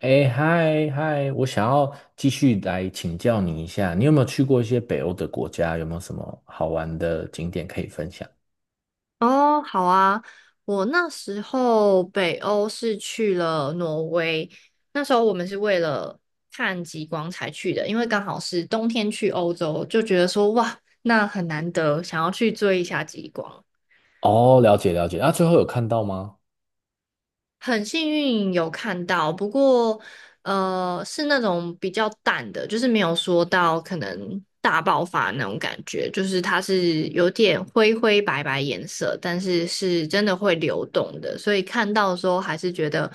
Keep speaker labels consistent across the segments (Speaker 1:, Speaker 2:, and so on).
Speaker 1: 哎，嗨嗨，我想要继续来请教你一下，你有没有去过一些北欧的国家？有没有什么好玩的景点可以分享？
Speaker 2: 哦，好啊，我那时候北欧是去了挪威，那时候我们是为了看极光才去的，因为刚好是冬天去欧洲，就觉得说哇，那很难得，想要去追一下极光。
Speaker 1: 哦，了解了解，那最后有看到吗？
Speaker 2: 很幸运有看到，不过是那种比较淡的，就是没有说到可能大爆发那种感觉，就是它是有点灰灰白白颜色，但是是真的会流动的，所以看到的时候还是觉得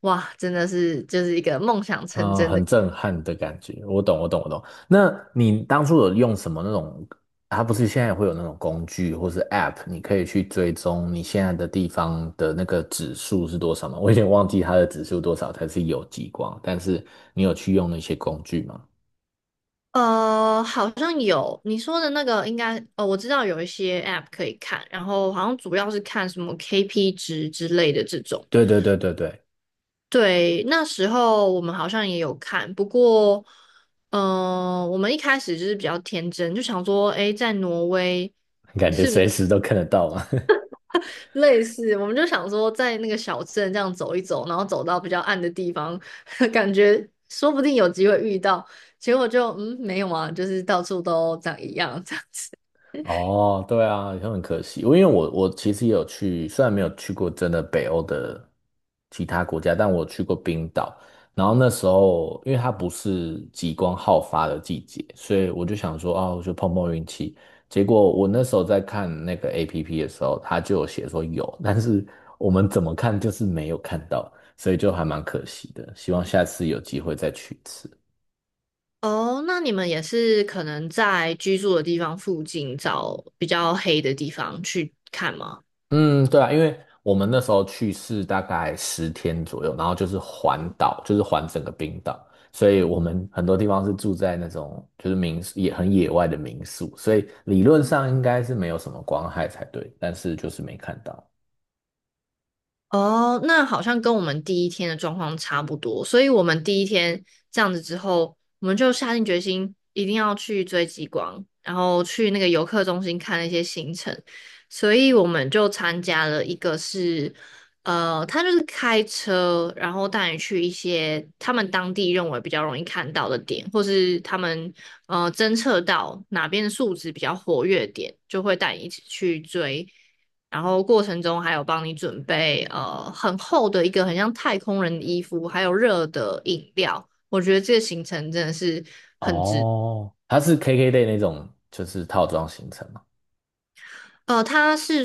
Speaker 2: 哇，真的是就是一个梦想成
Speaker 1: 嗯，
Speaker 2: 真的。
Speaker 1: 很震撼的感觉，我懂我懂我懂。那你当初有用什么那种？它不是现在也会有那种工具或是 App，你可以去追踪你现在的地方的那个指数是多少吗？我有点忘记它的指数多少才是有极光，但是你有去用那些工具吗？
Speaker 2: 好像有你说的那个，应该我知道有一些 app 可以看，然后好像主要是看什么 KP 值之类的这种。
Speaker 1: 对对对对对。
Speaker 2: 对，那时候我们好像也有看，不过，嗯、我们一开始就是比较天真，就想说，诶，在挪威
Speaker 1: 感觉
Speaker 2: 是不是
Speaker 1: 随时都看得到嘛。
Speaker 2: 类似？我们就想说，在那个小镇这样走一走，然后走到比较暗的地方，感觉说不定有机会遇到。结果就，嗯，没有啊，就是到处都长一样这样子。
Speaker 1: 哦，对啊，也很可惜。我因为我其实也有去，虽然没有去过真的北欧的其他国家，但我去过冰岛。然后那时候，因为它不是极光好发的季节，所以我就想说，哦，我就碰碰运气。结果我那时候在看那个 APP 的时候，它就有写说有，但是我们怎么看就是没有看到，所以就还蛮可惜的。希望下次有机会再去一次。
Speaker 2: 哦，那你们也是可能在居住的地方附近找比较黑的地方去看吗？
Speaker 1: 嗯，对啊，因为我们那时候去是大概10天左右，然后就是环岛，就是环整个冰岛，所以我们很多地方是住在那种就是民宿，也很野外的民宿，所以理论上应该是没有什么光害才对，但是就是没看到。
Speaker 2: 哦，那好像跟我们第一天的状况差不多，所以我们第一天这样子之后，我们就下定决心一定要去追极光，然后去那个游客中心看那些行程，所以我们就参加了一个是，他就是开车，然后带你去一些他们当地认为比较容易看到的点，或是他们侦测到哪边的数值比较活跃点，就会带你一起去追。然后过程中还有帮你准备很厚的一个很像太空人的衣服，还有热的饮料。我觉得这个行程真的是，
Speaker 1: 哦，它是 KKday 那种就是套装行程嘛，
Speaker 2: 它是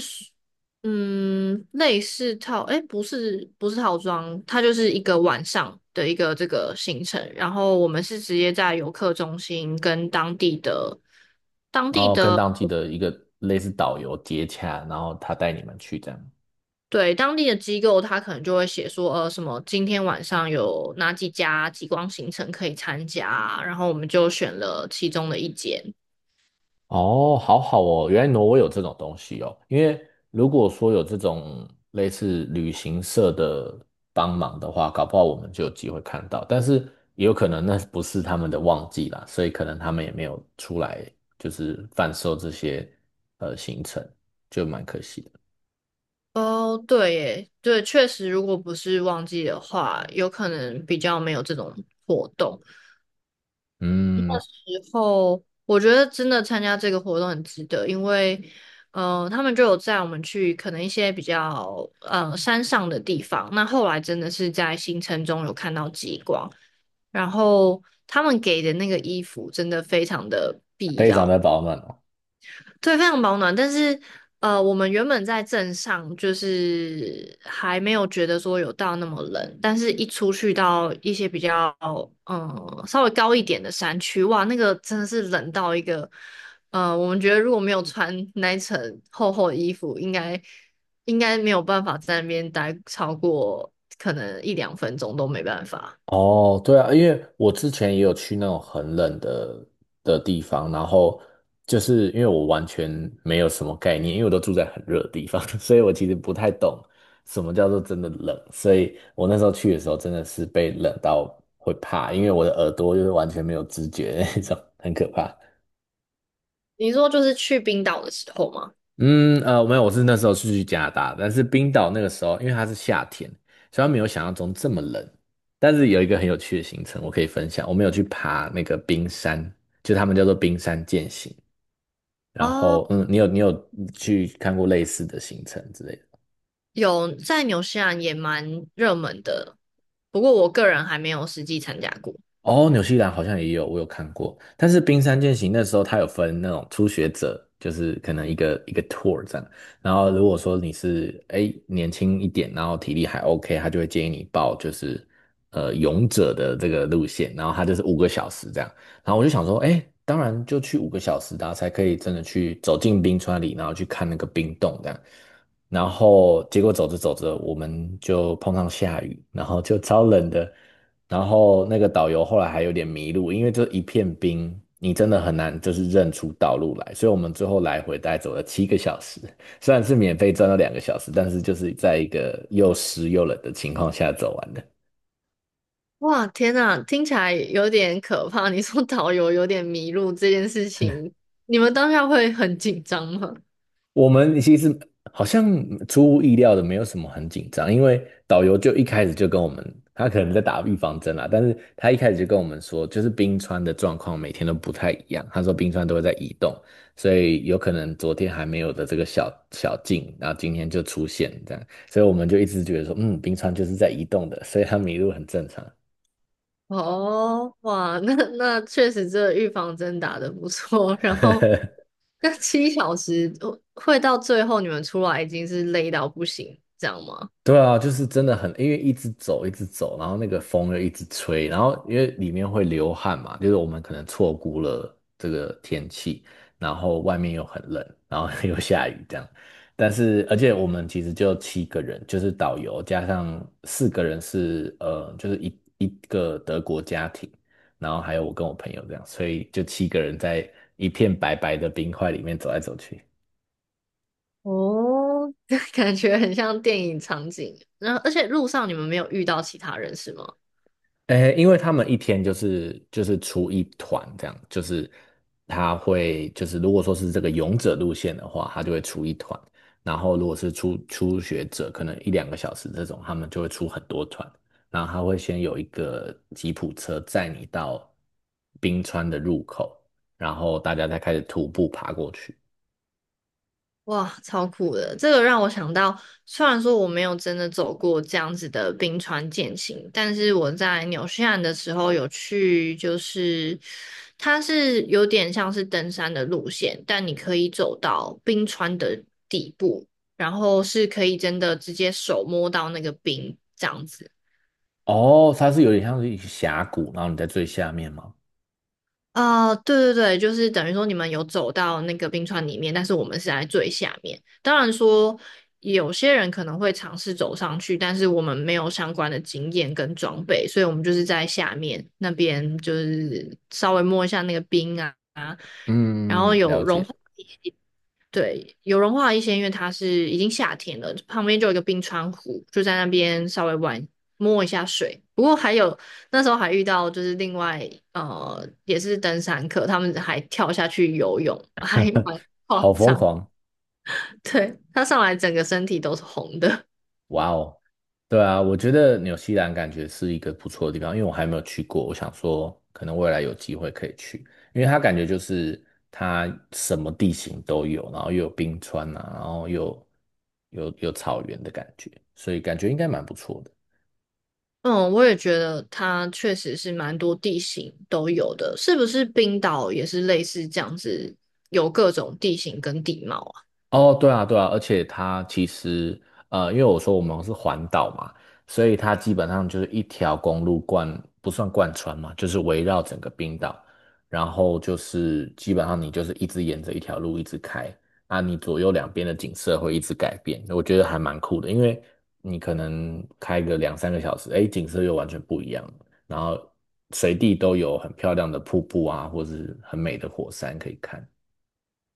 Speaker 2: 嗯类似套，哎不是套装，它就是一个晚上的一个这个行程。然后我们是直接在游客中心跟当地的当
Speaker 1: 然
Speaker 2: 地
Speaker 1: 后跟
Speaker 2: 的
Speaker 1: 当地的一个类似导游接洽，然后他带你们去这样。
Speaker 2: 对，当地的机构，他可能就会写说，什么今天晚上有哪几家极光行程可以参加啊，然后我们就选了其中的一间。
Speaker 1: 哦，好好哦，原来挪威有这种东西哦。因为如果说有这种类似旅行社的帮忙的话，搞不好我们就有机会看到。但是也有可能那不是他们的旺季啦，所以可能他们也没有出来就是贩售这些行程，就蛮可惜的。
Speaker 2: 哦，对耶，对，确实，如果不是旺季的话，有可能比较没有这种活动。
Speaker 1: 嗯，
Speaker 2: 后，我觉得真的参加这个活动很值得，因为，他们就有载我们去可能一些比较山上的地方。那后来真的是在行程中有看到极光，然后他们给的那个衣服真的非常的必
Speaker 1: 非常
Speaker 2: 要。
Speaker 1: 的保暖哦。
Speaker 2: 对，非常保暖。但是，我们原本在镇上，就是还没有觉得说有到那么冷，但是一出去到一些比较，嗯，稍微高一点的山区，哇，那个真的是冷到一个，我们觉得如果没有穿 那一层厚厚的衣服，应该没有办法在那边待超过可能一两分钟都没办法。
Speaker 1: 哦，对啊，因为我之前也有去那种很冷的地方，然后就是因为我完全没有什么概念，因为我都住在很热的地方，所以我其实不太懂什么叫做真的冷，所以我那时候去的时候真的是被冷到会怕，因为我的耳朵就是完全没有知觉的那种，很可怕。
Speaker 2: 你说就是去冰岛的时候吗？
Speaker 1: 嗯，没有，我是那时候是去加拿大，但是冰岛那个时候，因为它是夏天，虽然没有想象中这么冷。但是有一个很有趣的行程，我可以分享。我们有去爬那个冰山，就他们叫做冰山践行。然
Speaker 2: 哦
Speaker 1: 后，嗯，你有去看过类似的行程之类的？
Speaker 2: 有在纽西兰也蛮热门的，不过我个人还没有实际参加过。
Speaker 1: 哦，纽西兰好像也有，我有看过。但是冰山健行那时候它有分那种初学者，就是可能一个一个 tour 这样。然后如果说你是哎年轻一点，然后体力还 OK，他就会建议你报就是勇者的这个路线，然后他就是五个小时这样。然后我就想说，哎，当然就去五个小时的啊才可以真的去走进冰川里，然后去看那个冰洞这样。然后结果走着走着，我们就碰上下雨，然后就超冷的。然后那个导游后来还有点迷路，因为这一片冰，你真的很难就是认出道路来，所以我们最后来回大概走了7个小时，虽然是免费转了两个小时，但是就是在一个又湿又冷的情况下走完的。
Speaker 2: 哇，天呐，听起来有点可怕。你说导游有点迷路这件事情，你们当下会很紧张吗？
Speaker 1: 我们其实好像出乎意料的没有什么很紧张，因为导游就一开始就跟我们，他可能在打预防针啦，但是他一开始就跟我们说，就是冰川的状况每天都不太一样，他说冰川都会在移动，所以有可能昨天还没有的这个小小径，然后今天就出现这样，所以我们就一直觉得说，嗯，冰川就是在移动的，所以他迷路很正常。
Speaker 2: 哦，哇，那那确实这预防针打得不错。然后 那七小时会到最后你们出来已经是累到不行，这样吗？
Speaker 1: 对啊，就是真的很，因为一直走，一直走，然后那个风又一直吹，然后因为里面会流汗嘛，就是我们可能错估了这个天气，然后外面又很冷，然后 又下雨这样。但是，而且我们其实就七个人，就是导游加上4个人是，就是一个德国家庭，然后还有我跟我朋友这样，所以就七个人在一片白白的冰块里面走来走去。
Speaker 2: 哦，感觉很像电影场景。然后而且路上你们没有遇到其他人是吗？
Speaker 1: 诶，因为他们一天就是出一团这样，就是他会就是如果说是这个勇者路线的话，他就会出一团，然后如果是初学者，可能一两个小时这种，他们就会出很多团，然后他会先有一个吉普车载你到冰川的入口，然后大家再开始徒步爬过去。
Speaker 2: 哇，超酷的！这个让我想到，虽然说我没有真的走过这样子的冰川健行，但是我在纽西兰的时候有去，就是它是有点像是登山的路线，但你可以走到冰川的底部，然后是可以真的直接手摸到那个冰这样子。
Speaker 1: 哦，它是有点像是一个峡谷，然后你在最下面吗？
Speaker 2: 哦，对对对，就是等于说你们有走到那个冰川里面，但是我们是在最下面。当然说，有些人可能会尝试走上去，但是我们没有相关的经验跟装备，所以我们就是在下面那边，就是稍微摸一下那个冰啊，然后
Speaker 1: 嗯，
Speaker 2: 有
Speaker 1: 了
Speaker 2: 融
Speaker 1: 解，
Speaker 2: 化。对，有融化的一些，因为它是已经夏天了，旁边就有一个冰川湖，就在那边稍微玩摸一下水。不过还有那时候还遇到就是另外也是登山客，他们还跳下去游泳，还蛮夸
Speaker 1: 好疯
Speaker 2: 张。
Speaker 1: 狂。
Speaker 2: 对，他上来整个身体都是红的。
Speaker 1: 哇哦，对啊，我觉得纽西兰感觉是一个不错的地方，因为我还没有去过，我想说可能未来有机会可以去，因为它感觉就是它什么地形都有，然后又有冰川啊，然后又有草原的感觉，所以感觉应该蛮不错的。
Speaker 2: 嗯，我也觉得它确实是蛮多地形都有的，是不是冰岛也是类似这样子，有各种地形跟地貌啊？
Speaker 1: 哦，对啊，对啊，而且它其实，因为我说我们是环岛嘛，所以它基本上就是一条公路贯，不算贯穿嘛，就是围绕整个冰岛，然后就是基本上你就是一直沿着一条路一直开，啊，你左右两边的景色会一直改变，我觉得还蛮酷的，因为你可能开个两三个小时，哎，景色又完全不一样了。然后随地都有很漂亮的瀑布啊，或是很美的火山可以看。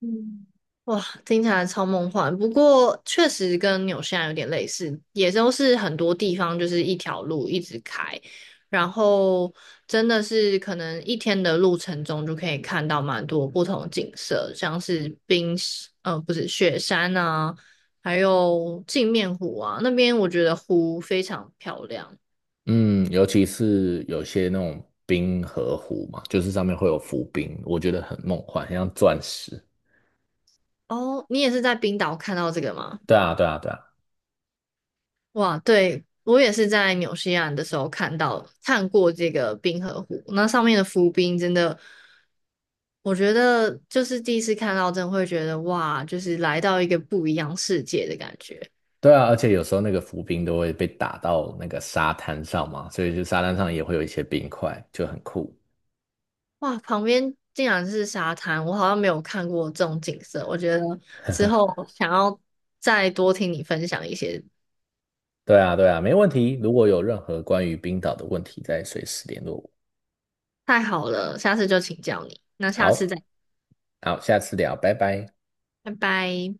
Speaker 2: 嗯，哇，听起来超梦幻。不过确实跟纽西兰有点类似，也都是很多地方就是一条路一直开，然后真的是可能一天的路程中就可以看到蛮多不同的景色，像是冰，不是雪山啊，还有镜面湖啊，那边我觉得湖非常漂亮。
Speaker 1: 嗯，尤其是有些那种冰河湖嘛，就是上面会有浮冰，我觉得很梦幻，很像钻石。
Speaker 2: 哦，你也是在冰岛看到这个吗？
Speaker 1: 对啊，对啊，对啊，
Speaker 2: 哇，对，我也是在纽西兰的时候看到看过这个冰河湖，那上面的浮冰真的，我觉得就是第一次看到，真的会觉得哇，就是来到一个不一样世界的感觉。
Speaker 1: 对啊，而且有时候那个浮冰都会被打到那个沙滩上嘛，所以就沙滩上也会有一些冰块，就很酷。
Speaker 2: 哇，旁边竟然是沙滩，我好像没有看过这种景色。我觉得之后想要再多听你分享一些，
Speaker 1: 对啊，对啊，没问题。如果有任何关于冰岛的问题，再随时联络我。
Speaker 2: 太好了，下次就请教你。那下
Speaker 1: 好，
Speaker 2: 次再，
Speaker 1: 好，下次聊，拜拜。
Speaker 2: 拜拜。